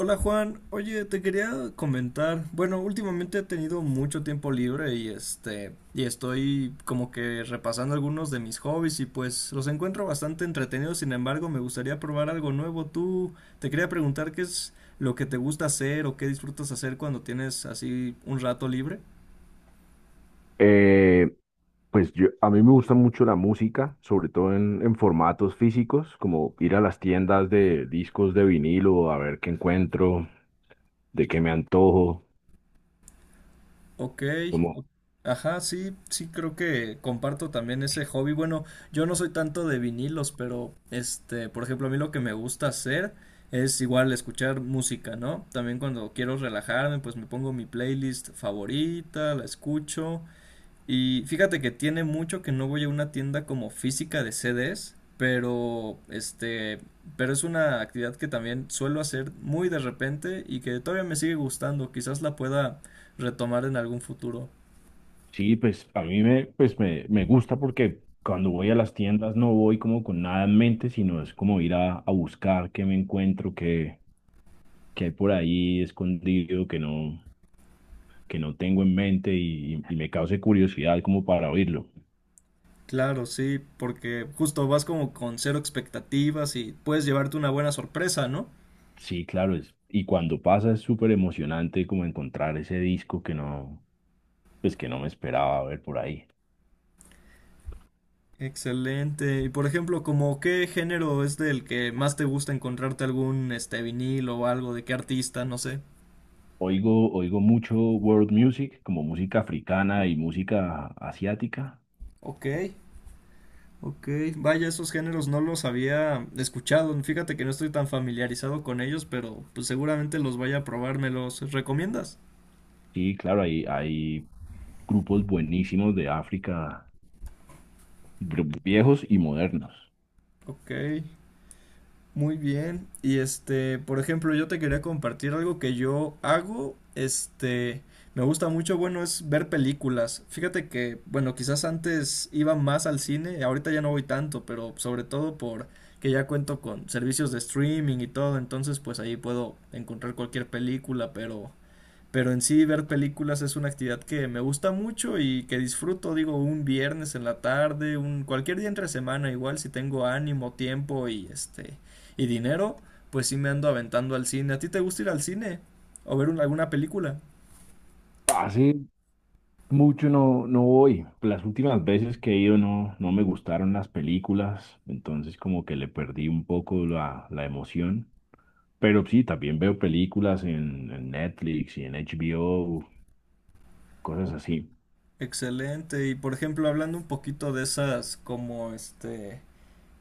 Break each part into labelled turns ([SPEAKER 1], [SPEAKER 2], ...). [SPEAKER 1] Hola Juan, oye, te quería comentar, bueno, últimamente he tenido mucho tiempo libre y estoy como que repasando algunos de mis hobbies y pues los encuentro bastante entretenidos. Sin embargo, me gustaría probar algo nuevo. Te quería preguntar qué es lo que te gusta hacer o qué disfrutas hacer cuando tienes así un rato libre.
[SPEAKER 2] Eh, pues a mí me gusta mucho la música, sobre todo en formatos físicos, como ir a las tiendas de discos de vinilo a ver qué encuentro, de qué me antojo.
[SPEAKER 1] Ok,
[SPEAKER 2] Como,
[SPEAKER 1] o- ajá, sí, sí creo que comparto también ese hobby. Bueno, yo no soy tanto de vinilos, pero por ejemplo, a mí lo que me gusta hacer es igual escuchar música, ¿no? También cuando quiero relajarme, pues me pongo mi playlist favorita, la escucho. Y fíjate que tiene mucho que no voy a una tienda como física de CDs, pero es una actividad que también suelo hacer muy de repente y que todavía me sigue gustando, quizás la pueda retomar en algún futuro.
[SPEAKER 2] sí, pues a mí me gusta porque cuando voy a las tiendas no voy como con nada en mente, sino es como ir a buscar qué me encuentro, qué hay por ahí escondido que no tengo en mente y me cause curiosidad como para oírlo.
[SPEAKER 1] Claro, sí, porque justo vas como con cero expectativas y puedes llevarte una buena sorpresa, ¿no?
[SPEAKER 2] Sí, claro, y cuando pasa es súper emocionante como encontrar ese disco que no me esperaba ver por ahí.
[SPEAKER 1] Excelente. Y por ejemplo, como qué género es del que más te gusta encontrarte algún vinilo o algo de qué artista, no sé.
[SPEAKER 2] Oigo mucho world music, como música africana y música asiática.
[SPEAKER 1] Ok. Ok, vaya, esos géneros no los había escuchado. Fíjate que no estoy tan familiarizado con ellos, pero pues seguramente los vaya a probar. ¿Me los recomiendas?
[SPEAKER 2] Sí, claro, hay grupos buenísimos de África, viejos y modernos.
[SPEAKER 1] Ok, muy bien. Por ejemplo, yo te quería compartir algo que yo hago. Me gusta mucho, bueno, es ver películas. Fíjate que, bueno, quizás antes iba más al cine, ahorita ya no voy tanto, pero sobre todo por que ya cuento con servicios de streaming y todo, entonces pues ahí puedo encontrar cualquier película, pero en sí ver películas es una actividad que me gusta mucho y que disfruto. Digo, un viernes en la tarde, un cualquier día entre semana, igual si tengo ánimo, tiempo y dinero, pues sí me ando aventando al cine. ¿A ti te gusta ir al cine o ver alguna película?
[SPEAKER 2] Hace mucho no voy. Las últimas veces que he ido no me gustaron las películas, entonces como que le perdí un poco la emoción. Pero sí, también veo películas en Netflix y en HBO, cosas así.
[SPEAKER 1] Excelente. Y por ejemplo, hablando un poquito de esas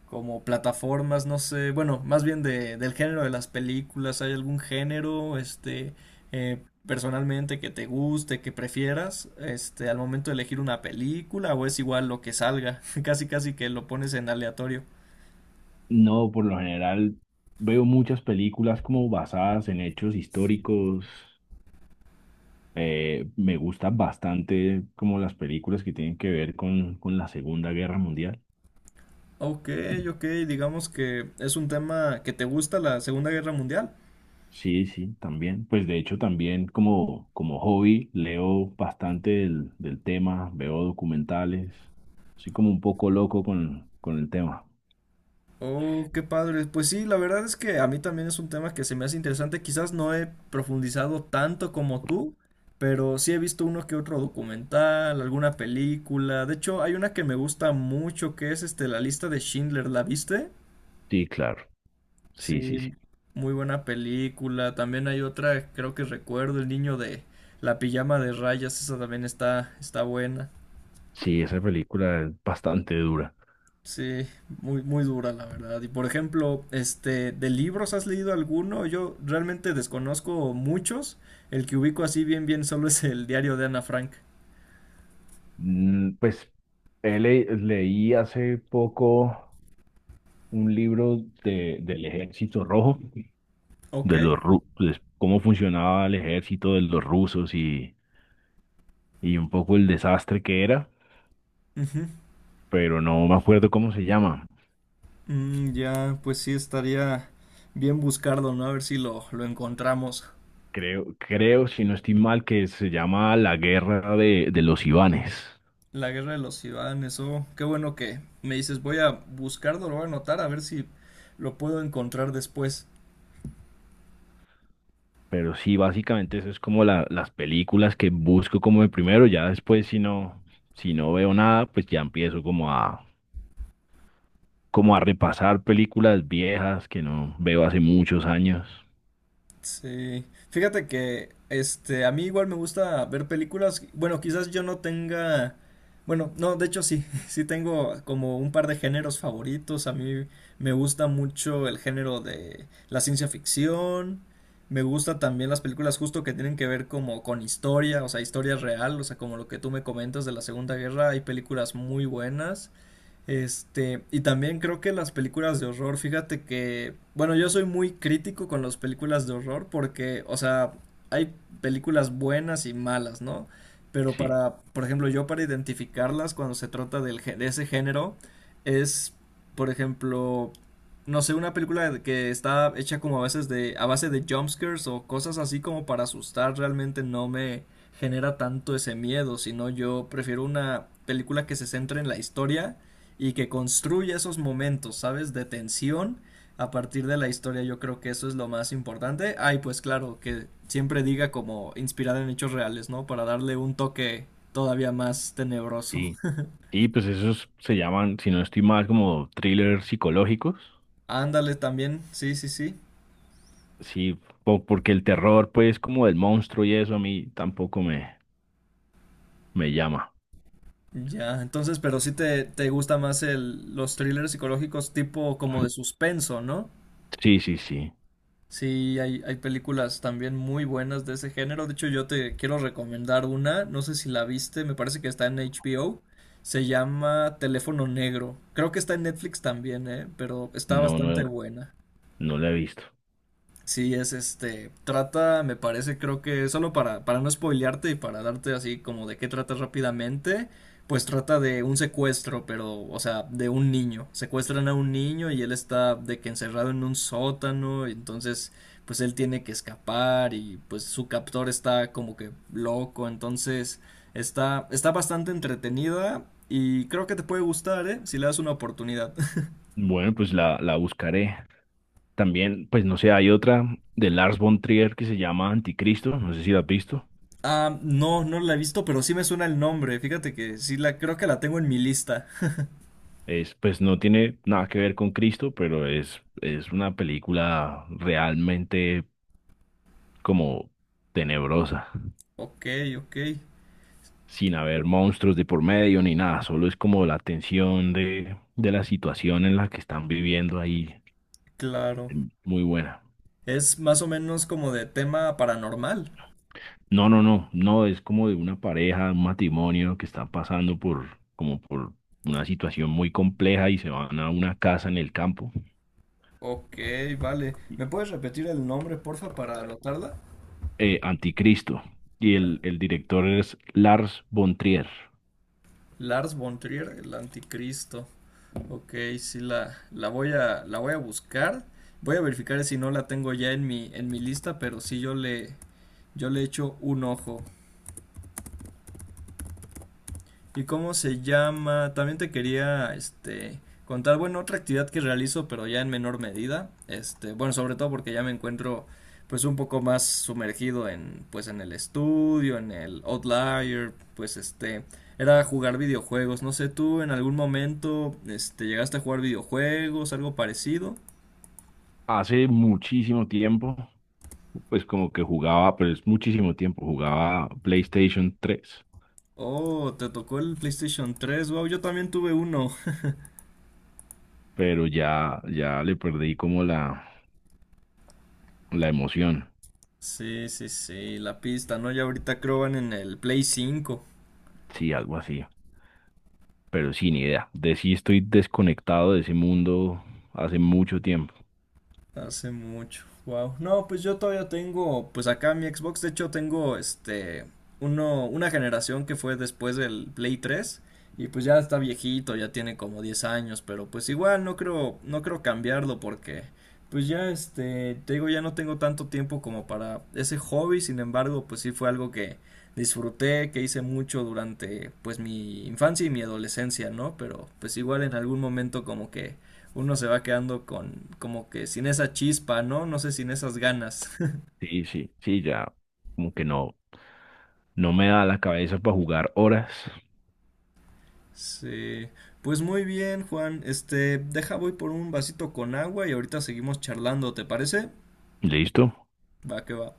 [SPEAKER 1] como plataformas, no sé, bueno, más bien del género de las películas, ¿hay algún género, personalmente, que te guste, que prefieras, al momento de elegir una película, o es igual lo que salga, casi casi que lo pones en aleatorio?
[SPEAKER 2] No, por lo general veo muchas películas como basadas en hechos históricos. Me gustan bastante como las películas que tienen que ver con la Segunda Guerra Mundial.
[SPEAKER 1] Ok, ok, digamos que es un tema que te gusta, la Segunda Guerra Mundial.
[SPEAKER 2] Sí, sí, también. Pues de hecho también como hobby leo bastante del tema, veo documentales. Soy como un poco loco con el tema.
[SPEAKER 1] Oh, qué padre. Pues sí, la verdad es que a mí también es un tema que se me hace interesante. Quizás no he profundizado tanto como tú, pero sí he visto uno que otro documental, alguna película. De hecho, hay una que me gusta mucho que es La lista de Schindler, ¿la viste?
[SPEAKER 2] Sí, claro. Sí, sí,
[SPEAKER 1] Sí,
[SPEAKER 2] sí.
[SPEAKER 1] muy buena película. También hay otra, creo que recuerdo, El niño de la pijama de rayas, esa también está buena.
[SPEAKER 2] Sí, esa película es bastante dura.
[SPEAKER 1] Sí, muy, muy dura la verdad. Y por ejemplo, ¿de libros has leído alguno? Yo realmente desconozco muchos. El que ubico así bien solo es el diario de Ana Frank.
[SPEAKER 2] Pues leí hace poco un libro del Ejército Rojo,
[SPEAKER 1] Ok.
[SPEAKER 2] de los pues, cómo funcionaba el ejército de los rusos y un poco el desastre que era,
[SPEAKER 1] Ujú.
[SPEAKER 2] pero no me acuerdo cómo se llama.
[SPEAKER 1] Mm, ya, pues sí estaría bien buscarlo, ¿no? A ver si lo encontramos.
[SPEAKER 2] Creo, si no estoy mal, que se llama La Guerra de los Ivanes.
[SPEAKER 1] La guerra de los Ibanes, oh, qué bueno que me dices, voy a buscarlo, lo voy a anotar, a ver si lo puedo encontrar después.
[SPEAKER 2] Pero sí, básicamente eso es como las películas que busco como de primero, ya después si no, veo nada, pues ya empiezo como a repasar películas viejas que no veo hace muchos años.
[SPEAKER 1] Sí, fíjate que a mí igual me gusta ver películas, bueno, quizás yo no tenga, bueno, no, de hecho sí, sí tengo como un par de géneros favoritos. A mí me gusta mucho el género de la ciencia ficción, me gusta también las películas justo que tienen que ver como con historia, o sea, historia real, o sea, como lo que tú me comentas de la Segunda Guerra, hay películas muy buenas. Y también creo que las películas de horror, fíjate que, bueno, yo soy muy crítico con las películas de horror porque, o sea, hay películas buenas y malas, ¿no? Pero
[SPEAKER 2] Sí,
[SPEAKER 1] para, por ejemplo, yo para identificarlas cuando se trata de ese género es, por ejemplo, no sé, una película que está hecha como a veces de, a base de jumpscares o cosas así como para asustar, realmente no me genera tanto ese miedo, sino yo prefiero una película que se centre en la historia y que construya esos momentos, ¿sabes? De tensión a partir de la historia. Yo creo que eso es lo más importante. Ay, pues claro, que siempre diga como inspirada en hechos reales, ¿no? Para darle un toque todavía más tenebroso.
[SPEAKER 2] sí. Y pues esos se llaman, si no estoy mal, como thrillers psicológicos.
[SPEAKER 1] Ándale también, sí, sí, sí.
[SPEAKER 2] Sí, porque el terror, pues, como del monstruo y eso a mí tampoco me llama.
[SPEAKER 1] Ya, entonces, pero sí te gusta más los thrillers psicológicos tipo como de suspenso, ¿no?
[SPEAKER 2] Sí, sí, sí.
[SPEAKER 1] Sí, hay películas también muy buenas de ese género. De hecho, yo te quiero recomendar una, no sé si la viste, me parece que está en HBO. Se llama Teléfono Negro. Creo que está en Netflix también, ¿eh? Pero está
[SPEAKER 2] No,
[SPEAKER 1] bastante
[SPEAKER 2] no,
[SPEAKER 1] buena.
[SPEAKER 2] no la he visto.
[SPEAKER 1] Sí, es trata, me parece, creo que solo para no spoilearte y para darte así como de qué trata rápidamente, pues trata de un secuestro, pero, o sea, de un niño. Secuestran a un niño y él está de que encerrado en un sótano, y entonces, pues él tiene que escapar y pues su captor está como que loco, entonces está, está bastante entretenida y creo que te puede gustar, ¿eh? Si le das una oportunidad.
[SPEAKER 2] Bueno, pues la buscaré. También, pues no sé, hay otra de Lars von Trier que se llama Anticristo, no sé si la has visto.
[SPEAKER 1] Ah, no, no la he visto, pero sí me suena el nombre. Fíjate que sí la creo que la tengo en mi lista.
[SPEAKER 2] Pues no tiene nada que ver con Cristo, pero es una película realmente como tenebrosa,
[SPEAKER 1] Ok, ok,
[SPEAKER 2] sin haber monstruos de por medio ni nada, solo es como la tensión de la situación en la que están viviendo ahí.
[SPEAKER 1] claro.
[SPEAKER 2] Muy buena.
[SPEAKER 1] Es más o menos como de tema paranormal.
[SPEAKER 2] No, no, no, no, es como de una pareja, un matrimonio que está pasando como por una situación muy compleja y se van a una casa en el campo.
[SPEAKER 1] Ok, vale. ¿Me puedes repetir el nombre, porfa, para anotarla?
[SPEAKER 2] Anticristo. Y el director es Lars von Trier.
[SPEAKER 1] Lars von Trier, el anticristo. Ok, sí la, la voy a buscar. Voy a verificar si no la tengo ya en mi lista, pero sí yo le echo un ojo. ¿Y cómo se llama? También te quería, contar, bueno, otra actividad que realizo, pero ya en menor medida, bueno, sobre todo porque ya me encuentro, pues, un poco más sumergido en, pues, en el estudio, en el Outlier, era jugar videojuegos, no sé, ¿tú en algún momento, llegaste a jugar videojuegos, algo parecido?
[SPEAKER 2] Hace muchísimo tiempo, pues como que jugaba, pero es muchísimo tiempo, jugaba PlayStation 3,
[SPEAKER 1] Oh, te tocó el PlayStation 3. Wow, yo también tuve uno.
[SPEAKER 2] pero ya le perdí como la emoción.
[SPEAKER 1] Sí, sí, sí, la pista, ¿no? Ya ahorita creo van en el Play 5.
[SPEAKER 2] Sí, algo así, pero sin idea. De sí estoy desconectado de ese mundo hace mucho tiempo.
[SPEAKER 1] Hace mucho. Wow. No, pues yo todavía tengo, pues acá mi Xbox. De hecho tengo este uno una generación que fue después del Play 3 y pues ya está viejito, ya tiene como 10 años, pero pues igual no creo cambiarlo porque pues ya te digo, ya no tengo tanto tiempo como para ese hobby. Sin embargo, pues sí fue algo que disfruté, que hice mucho durante pues mi infancia y mi adolescencia, ¿no? Pero pues igual en algún momento como que uno se va quedando con como que sin esa chispa, ¿no? No sé, sin esas ganas.
[SPEAKER 2] Sí, sí, sí, ya como que no me da la cabeza para jugar horas.
[SPEAKER 1] Sí. Pues muy bien, Juan. Deja voy por un vasito con agua y ahorita seguimos charlando, ¿te parece?
[SPEAKER 2] ¿Listo?
[SPEAKER 1] Va que va.